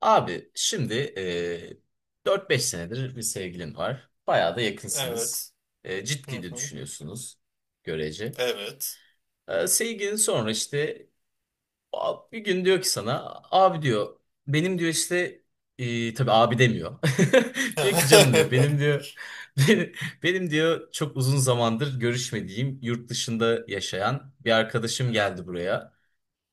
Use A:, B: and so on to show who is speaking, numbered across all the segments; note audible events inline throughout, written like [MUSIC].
A: Abi şimdi 4-5 senedir bir sevgilin var. Bayağı da yakınsınız.
B: Evet. Hı
A: Ciddi de
B: hı.
A: düşünüyorsunuz görece.
B: Evet.
A: Sevgilin sonra işte bir gün diyor ki sana abi diyor benim diyor işte tabii abi demiyor. [LAUGHS] Diyor ki canım diyor benim
B: [LAUGHS]
A: diyor [LAUGHS] benim, benim diyor çok uzun zamandır görüşmediğim yurt dışında yaşayan bir arkadaşım geldi buraya.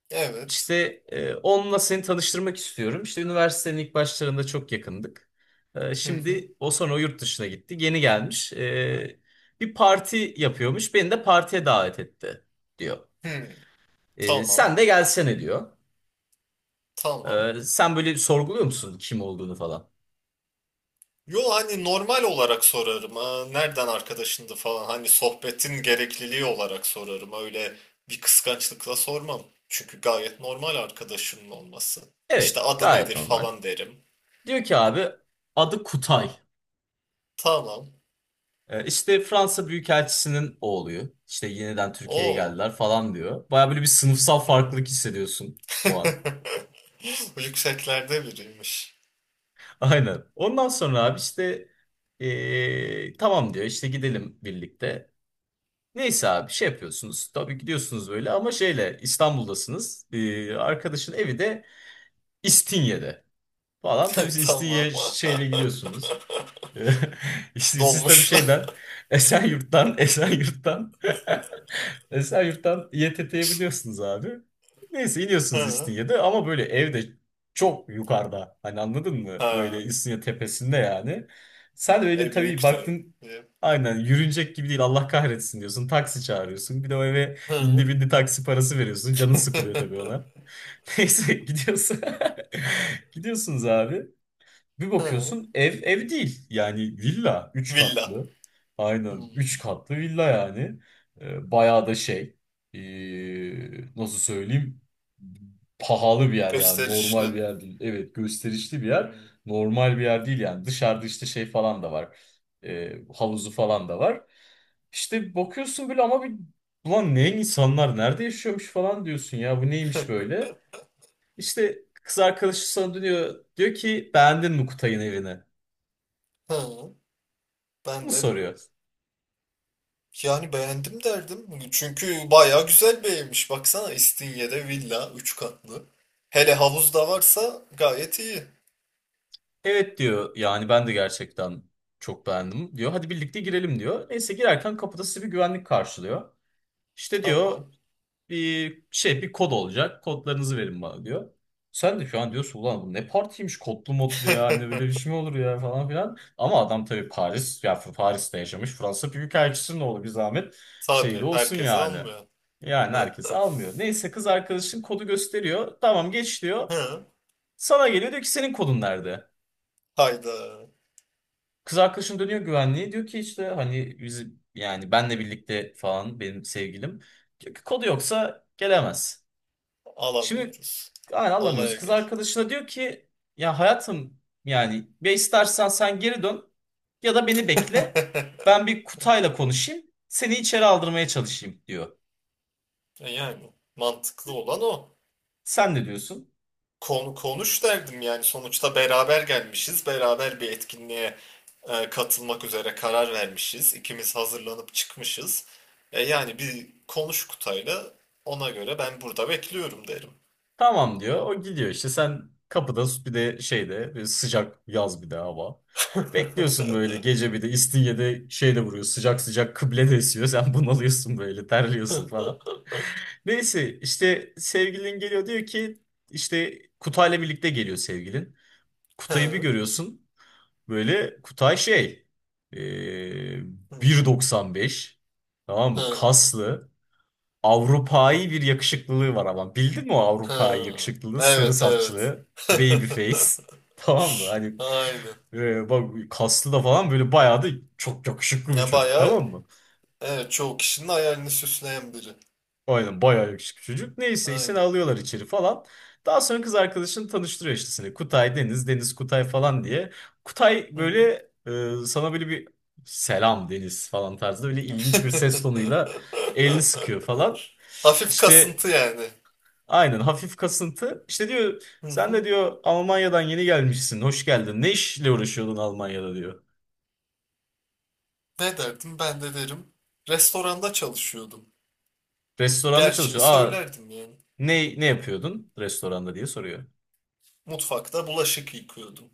B: Evet.
A: İşte onunla seni tanıştırmak istiyorum. İşte üniversitenin ilk başlarında çok yakındık.
B: Hı hı.
A: Şimdi o sonra o yurt dışına gitti. Yeni gelmiş. Bir parti yapıyormuş. Beni de partiye davet etti diyor.
B: Hı. Tamam.
A: Sen de gelsene diyor.
B: Tamam.
A: Sen böyle sorguluyor musun kim olduğunu falan?
B: Yo, hani normal olarak sorarım. Ha, nereden arkadaşındı falan. Hani sohbetin gerekliliği olarak sorarım. Öyle bir kıskançlıkla sormam. Çünkü gayet normal arkadaşımın olması. İşte
A: Evet,
B: adı
A: gayet
B: nedir
A: normal.
B: falan derim.
A: Diyor ki abi adı Kutay.
B: Tamam.
A: İşte Fransa Büyükelçisi'nin oğlu. İşte yeniden Türkiye'ye
B: Oo.
A: geldiler falan diyor. Baya böyle bir sınıfsal
B: Hı.
A: farklılık hissediyorsun bu an.
B: [LAUGHS] Bu yükseklerde biriymiş.
A: Aynen. Ondan sonra abi işte tamam diyor işte gidelim birlikte. Neyse abi şey yapıyorsunuz. Tabii gidiyorsunuz böyle ama şeyle İstanbul'dasınız. Arkadaşın evi de İstinye'de falan. Tabii
B: [LAUGHS]
A: siz
B: Tamam.
A: İstinye şeyle gidiyorsunuz. [LAUGHS] İşte
B: [LAUGHS]
A: siz tabii
B: Dolmuşlar. [LAUGHS]
A: şeyden Esenyurt'tan Esenyurt'tan [LAUGHS] Esenyurt'tan İETT'ye biliyorsunuz abi. Neyse iniyorsunuz
B: Ha.
A: İstinye'de ama böyle evde çok yukarıda. Hani anladın mı? Böyle
B: Ha.
A: İstinye tepesinde yani. Sen
B: Ha,
A: öyle
B: e
A: tabii
B: büyük de.
A: baktın
B: Diye.
A: aynen yürünecek gibi değil Allah kahretsin diyorsun. Taksi çağırıyorsun. Bir de o eve indi
B: Hı.
A: bindi taksi parası veriyorsun. Canın sıkılıyor tabii ona. [LAUGHS] Neyse gidiyorsun. [LAUGHS] Gidiyorsunuz abi. Bir
B: Hı.
A: bakıyorsun ev ev değil. Yani villa
B: [LAUGHS]
A: üç
B: Villa.
A: katlı. Aynen 3
B: Hmm.
A: katlı villa yani. Bayağı da şey nasıl söyleyeyim pahalı bir yer yani
B: Gösterişli.
A: normal bir yer değil. Evet gösterişli bir yer.
B: Hmm.
A: Normal bir yer değil yani. Dışarıda işte şey falan da var. Havuzu falan da var. İşte bakıyorsun böyle ama bir ulan ne insanlar nerede yaşıyormuş falan diyorsun ya bu neymiş böyle. İşte kız arkadaşı sana dönüyor. Diyor ki beğendin mi Kutay'ın evini?
B: Hı. Ben
A: Bunu
B: de
A: soruyor.
B: yani beğendim derdim. Çünkü bayağı güzel bir evmiş. Baksana İstinye'de villa 3 katlı. Hele havuz da varsa gayet iyi.
A: Evet diyor yani ben de gerçekten çok beğendim diyor. Hadi birlikte girelim diyor. Neyse girerken kapıda sizi bir güvenlik karşılıyor. İşte
B: Tamam.
A: diyor bir şey bir kod olacak. Kodlarınızı verin bana diyor. Sen de şu an diyorsun ulan bu ne partiymiş kodlu modlu ya hani böyle bir
B: [LAUGHS]
A: şey mi olur ya falan filan. Ama adam tabii Paris ya Paris'te yaşamış Fransa Büyükelçisi'nin oğlu bir zahmet şey de
B: Tabii
A: olsun
B: herkes
A: yani.
B: almıyor.
A: Yani herkes almıyor. Neyse kız arkadaşın kodu gösteriyor. Tamam geç diyor.
B: Hı.
A: Sana geliyor diyor ki senin kodun nerede?
B: Hayda,
A: Kız arkadaşım dönüyor güvenliğe diyor ki işte hani biz yani benle birlikte falan benim sevgilim. Diyor ki kodu yoksa gelemez. Şimdi
B: alamıyoruz.
A: yani anlamıyoruz.
B: Olaya
A: Kız
B: gel.
A: arkadaşına diyor ki ya hayatım yani ya istersen sen geri dön ya da beni bekle.
B: [LAUGHS]
A: Ben bir Kutay'la konuşayım. Seni içeri aldırmaya çalışayım diyor.
B: E yani mantıklı olan o.
A: Sen ne diyorsun?
B: Konu konuş derdim yani, sonuçta beraber gelmişiz. Beraber bir etkinliğe katılmak üzere karar vermişiz. İkimiz hazırlanıp çıkmışız. E, yani bir konuş Kutay'la, ona göre ben burada bekliyorum derim.
A: Tamam diyor. O gidiyor işte sen kapıda bir de şeyde bir sıcak yaz bir de hava. Bekliyorsun böyle
B: [LAUGHS]
A: gece bir de İstinye'de şeyde vuruyor sıcak sıcak kıble de esiyor. Sen bunalıyorsun böyle terliyorsun
B: Hı,
A: falan. Neyse işte sevgilin geliyor diyor ki işte Kutay'la birlikte geliyor sevgilin. Kutay'ı bir
B: hı,
A: görüyorsun böyle Kutay şey eee, 1,95 tamam mı?
B: hı,
A: Kaslı Avrupa'yı bir yakışıklılığı var ama bildin mi o Avrupa'yı yakışıklılığı sarı
B: evet, evet.
A: saçlı baby
B: [LAUGHS]
A: face [LAUGHS] tamam mı? Hani
B: Aynen.
A: bak kaslı da falan böyle bayağı da çok yakışıklı bir
B: Ya
A: çocuk
B: bayağı,
A: tamam mı?
B: evet, çoğu kişinin hayalini süsleyen biri.
A: Aynen bayağı yakışıklı çocuk. Neyse işte
B: Aynen.
A: alıyorlar içeri falan. Daha sonra kız arkadaşını tanıştırıyor işte seni. Kutay Deniz, Deniz Kutay falan diye. Kutay
B: Hı.
A: böyle sana böyle bir selam Deniz falan tarzında böyle ilginç bir ses tonuyla elini sıkıyor
B: [LAUGHS]
A: falan.
B: Hafif
A: İşte
B: kasıntı yani.
A: aynen hafif kasıntı. İşte diyor
B: Hı
A: sen de
B: hı.
A: diyor Almanya'dan yeni gelmişsin. Hoş geldin. Ne işle uğraşıyordun Almanya'da diyor.
B: Ne derdim? Ben de derim. Restoranda çalışıyordum.
A: Restoranda
B: Gerçeği
A: çalışıyor. Aa
B: söylerdim yani.
A: ne yapıyordun restoranda diye soruyor.
B: Mutfakta bulaşık yıkıyordum.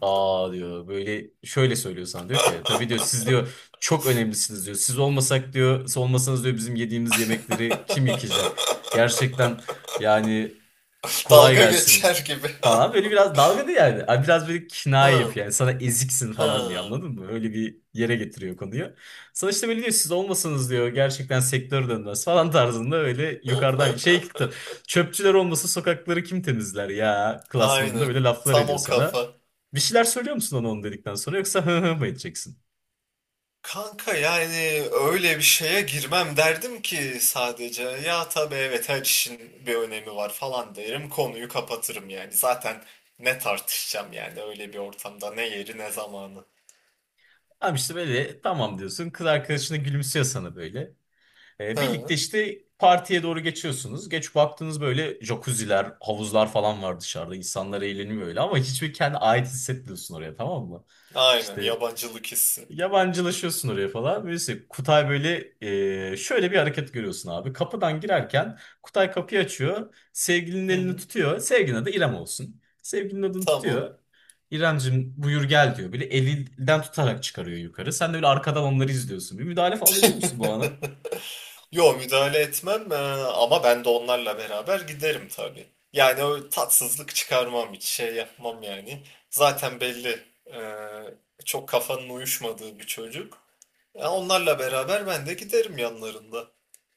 A: Aa diyor böyle şöyle söylüyor sana diyor ki tabii diyor siz diyor çok önemlisiniz diyor. Siz olmasak diyor siz olmasanız diyor bizim yediğimiz yemekleri kim yıkayacak? Gerçekten yani
B: [LAUGHS]
A: kolay
B: Dalga
A: gelsin
B: geçer gibi. [LAUGHS]
A: falan. Böyle biraz dalgalı yani. Abi biraz böyle
B: Ha,
A: kinaye yapıyor yani. Sana eziksin
B: ha,
A: falan diyor anladın mı? Öyle bir yere getiriyor konuyu. Sonra işte böyle diyor siz olmasanız diyor gerçekten sektör dönmez falan [LAUGHS] tarzında öyle yukarıdan şey çıktı. Çöpçüler olmasa sokakları kim temizler ya klasmanında
B: aynen.
A: böyle laflar
B: Tam
A: ediyor
B: o
A: sana.
B: kafa.
A: Bir şeyler söylüyor musun ona onu dedikten sonra yoksa hı hı mı edeceksin?
B: Kanka yani öyle bir şeye girmem derdim ki, sadece ya tabii evet her işin bir önemi var falan derim, konuyu kapatırım yani. Zaten ne tartışacağım yani, öyle bir ortamda ne yeri ne zamanı.
A: Abi işte böyle tamam diyorsun. Kız arkadaşına gülümsüyor sana böyle. Birlikte
B: Hı.
A: işte partiye doğru geçiyorsunuz. Geç baktınız böyle jacuzziler, havuzlar falan var dışarıda. İnsanlar eğleniyor öyle ama hiçbir kendi ait hissetmiyorsun oraya tamam mı?
B: Aynen,
A: İşte
B: yabancılık hissi.
A: yabancılaşıyorsun oraya falan. Neyse Kutay böyle şöyle bir hareket görüyorsun abi. Kapıdan girerken Kutay kapıyı açıyor. Sevgilinin
B: Hı
A: elini
B: hı.
A: tutuyor. Sevgilinin adı İrem olsun. Sevgilinin adını
B: Tamam.
A: tutuyor. İremcim buyur gel diyor. Böyle elinden tutarak çıkarıyor yukarı. Sen de böyle arkadan onları izliyorsun. Bir müdahale falan ediyor musun bu ana?
B: [LAUGHS] Yo, müdahale etmem, ama ben de onlarla beraber giderim tabii. Yani o, tatsızlık çıkarmam, hiç şey yapmam yani. Zaten belli çok kafanın uyuşmadığı bir çocuk. E, onlarla beraber ben de giderim yanlarında.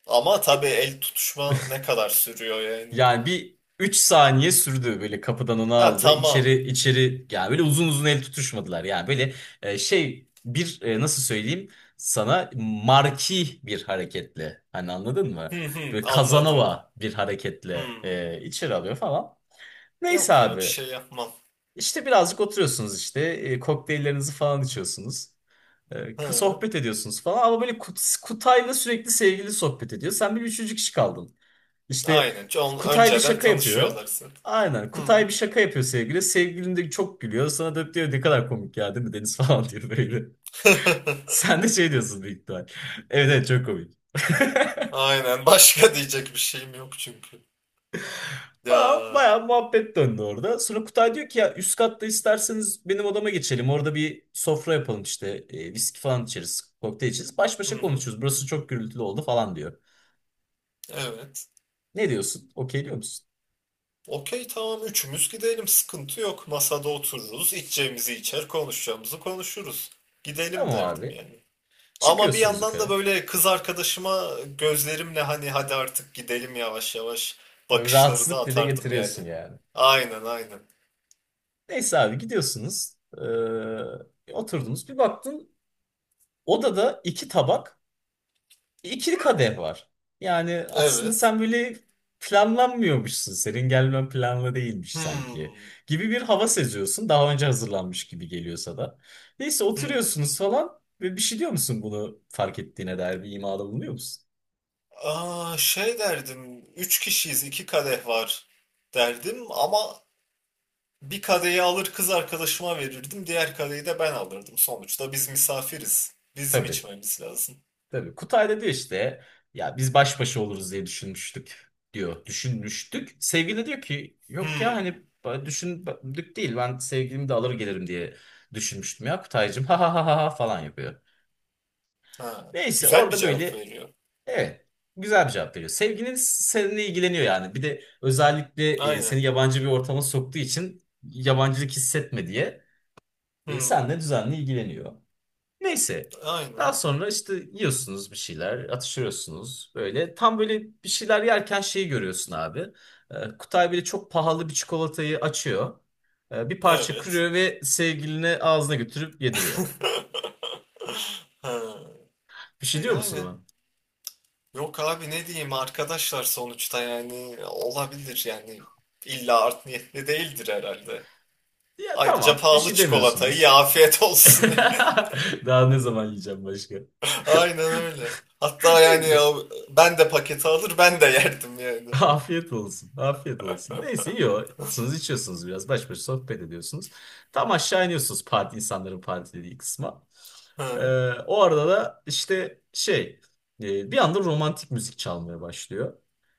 B: Ama tabii el tutuşma ne kadar sürüyor yani.
A: Yani bir 3 saniye sürdü böyle kapıdan onu
B: Ha,
A: aldı.
B: tamam.
A: İçeri içeri yani böyle uzun uzun el tutuşmadılar. Yani böyle şey bir nasıl söyleyeyim sana marki bir hareketle hani anladın mı?
B: Hı hı,
A: Böyle
B: anladım.
A: Kazanova bir hareketle
B: Hmm.
A: içeri alıyor falan. Neyse
B: Yok ya, bir
A: abi
B: şey yapmam.
A: işte birazcık oturuyorsunuz işte kokteyllerinizi falan içiyorsunuz.
B: Hı.
A: Sohbet ediyorsunuz falan ama böyle Kutay'la sürekli sevgili sohbet ediyor. Sen bir üçüncü kişi kaldın. İşte
B: Aynen. Çok
A: Kutay bir
B: önceden
A: şaka yapıyor.
B: tanışıyorlar zaten.
A: Aynen.
B: Hı
A: Kutay
B: hı.
A: bir şaka yapıyor sevgili. Sevgilin de çok gülüyor. Sana dönüp diyor ne kadar komik ya değil mi Deniz [LAUGHS] falan diyor böyle.
B: [LAUGHS]
A: Sen de şey diyorsun büyük ihtimal. Evet evet çok komik. [LAUGHS]
B: Aynen. Başka diyecek bir şeyim yok çünkü.
A: Falan
B: Ya.
A: bayağı muhabbet döndü orada. Sonra Kutay diyor ki ya üst katta isterseniz benim odama geçelim. Orada bir sofra yapalım işte. Viski falan içeriz. Kokteyl içeriz. Baş
B: Hı
A: başa
B: hı.
A: konuşuruz. Burası çok gürültülü oldu falan diyor.
B: Evet.
A: Ne diyorsun? Okey diyor musun?
B: Okey, tamam, üçümüz gidelim. Sıkıntı yok. Masada otururuz. İçeceğimizi içer, konuşacağımızı konuşuruz. Gidelim
A: Tamam
B: derdim
A: abi.
B: yani. Ama bir
A: Çıkıyorsunuz
B: yandan da
A: yukarı.
B: böyle kız arkadaşıma gözlerimle hani hadi artık gidelim yavaş yavaş
A: Böyle
B: bakışları da
A: rahatsızlık dile
B: atardım yani.
A: getiriyorsun yani.
B: Aynen, aynen.
A: Neyse abi gidiyorsunuz. Oturdunuz. Bir baktın odada iki tabak, ikili kadeh var. Yani aslında
B: Evet.
A: sen böyle planlanmıyormuşsun. Senin gelmen planlı değilmiş sanki.
B: Hmm.
A: Gibi bir hava seziyorsun. Daha önce hazırlanmış gibi geliyorsa da. Neyse
B: Hmm.
A: oturuyorsunuz falan. Ve bir şey diyor musun bunu fark ettiğine dair bir imada bulunuyor musun?
B: Aa, şey derdim, üç kişiyiz, iki kadeh var derdim ama bir kadehi alır kız arkadaşıma verirdim, diğer kadehi de ben alırdım. Sonuçta biz misafiriz, bizim
A: Tabii.
B: içmemiz lazım.
A: Tabii Kutay da diyor işte ya biz baş başa oluruz diye düşünmüştük diyor. Düşünmüştük. Sevgili de diyor ki yok ya
B: Hmm,
A: hani düşündük değil ben sevgilimi de alır gelirim diye düşünmüştüm ya Kutaycığım ha ha ha ha ha" falan yapıyor.
B: ha,
A: Neyse
B: güzel bir
A: orada
B: cevap
A: böyle
B: veriyor.
A: evet güzel bir cevap veriyor. Sevgilin seninle ilgileniyor yani bir de özellikle seni
B: Aynen.
A: yabancı bir ortama soktuğu için yabancılık hissetme diye
B: Hmm,
A: seninle düzenli ilgileniyor. Neyse.
B: aynen.
A: Daha sonra işte yiyorsunuz bir şeyler, atıştırıyorsunuz böyle. Tam böyle bir şeyler yerken şeyi görüyorsun abi. Kutay böyle çok pahalı bir çikolatayı açıyor. Bir parça
B: Evet.
A: kırıyor ve sevgiline ağzına götürüp yediriyor.
B: [LAUGHS] Ha,
A: Bir
B: e
A: şey diyor musun
B: yani
A: ona?
B: yok abi ne diyeyim, arkadaşlar sonuçta yani, olabilir yani, illa art niyetli değildir herhalde.
A: Ya
B: Ayrıca
A: tamam, bir
B: pahalı
A: şey
B: çikolatayı ya,
A: demiyorsunuz.
B: afiyet
A: [LAUGHS]
B: olsun diye.
A: Daha ne zaman yiyeceğim başka?
B: [LAUGHS] Aynen öyle. Hatta
A: [LAUGHS]
B: yani ya
A: Neyse.
B: ben de paketi alır, ben de yerdim
A: [LAUGHS]
B: yani.
A: Afiyet olsun. Afiyet olsun. Neyse yiyorsunuz, içiyorsunuz biraz. Baş başa sohbet ediyorsunuz. Tam aşağı iniyorsunuz parti, insanların partilediği kısma. Ee,
B: Hı.
A: o arada da işte şey bir anda romantik müzik çalmaya başlıyor.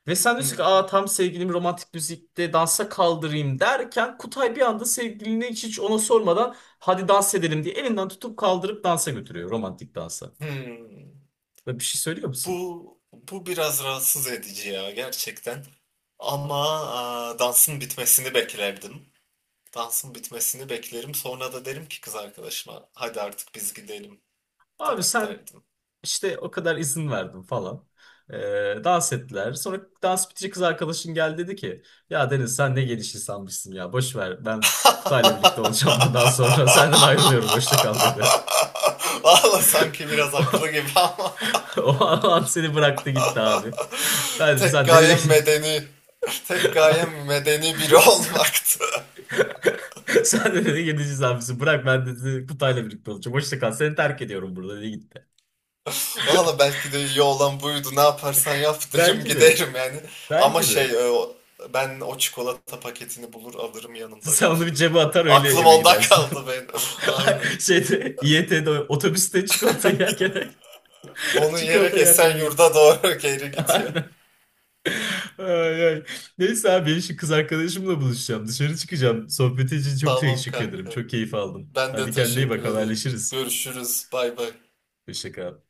A: Ve sen diyorsun ki aa,
B: Hmm.
A: tam sevgilim romantik müzikte dansa kaldırayım derken Kutay bir anda sevgilini hiç, hiç ona sormadan hadi dans edelim diye elinden tutup kaldırıp dansa götürüyor romantik dansa.
B: Hmm.
A: Ve bir şey söylüyor musun?
B: bu biraz rahatsız edici ya, gerçekten. Ama aa, dansın bitmesini beklerdim. Dansın bitmesini beklerim. Sonra da derim ki kız arkadaşıma, hadi artık biz gidelim
A: Abi
B: der,
A: sen
B: derdim.
A: İşte o kadar izin verdim falan. Ee, dans ettiler. Sonra dans bitince kız arkadaşım geldi dedi ki ya Deniz sen ne geniş insanmışsın ya boş ver ben Kutay'la birlikte olacağım [LAUGHS] bundan
B: [LAUGHS]
A: sonra senden ayrılıyorum hoşça kal dedi.
B: Valla sanki biraz haklı gibi
A: [LAUGHS]
B: ama.
A: O an seni bıraktı gitti abi. Ben dedi
B: Tek
A: sen ne
B: gayem
A: dedin?
B: medeni, Tek gayem medeni biri
A: [LAUGHS] sen,
B: olmaktı.
A: sen de dedi geniş insanmışsın bırak ben dedi Kutay'la birlikte olacağım hoşça kal seni terk ediyorum burada dedi gitti.
B: [LAUGHS] Valla belki de iyi olan buydu. Ne yaparsan yap derim,
A: Belki de
B: giderim yani. Ama
A: belki
B: şey,
A: de
B: ben o çikolata paketini bulur alırım, yanımda
A: sen onu bir
B: götürürüm.
A: cebe atar öyle
B: Aklım
A: eve
B: onda
A: gidersin.
B: kaldı
A: [LAUGHS]
B: benim. [LAUGHS] Aynı.
A: [LAUGHS] Şeyde İET'de otobüste çikolata yerken [LAUGHS]
B: Onu
A: çikolata
B: yiyerek
A: yerken eve gittim.
B: Esenyurt'a doğru [LAUGHS] geri
A: [LAUGHS]
B: gidiyor.
A: Aynen. Ay, ay. Neyse abi ben şimdi kız arkadaşımla buluşacağım. Dışarı çıkacağım. Sohbeti için çok
B: Tamam
A: teşekkür ederim.
B: kanka.
A: Çok keyif aldım.
B: Ben de
A: Hadi kendine iyi
B: teşekkür
A: bak
B: ederim.
A: haberleşiriz.
B: Görüşürüz. Bay bay.
A: Hoşça kal.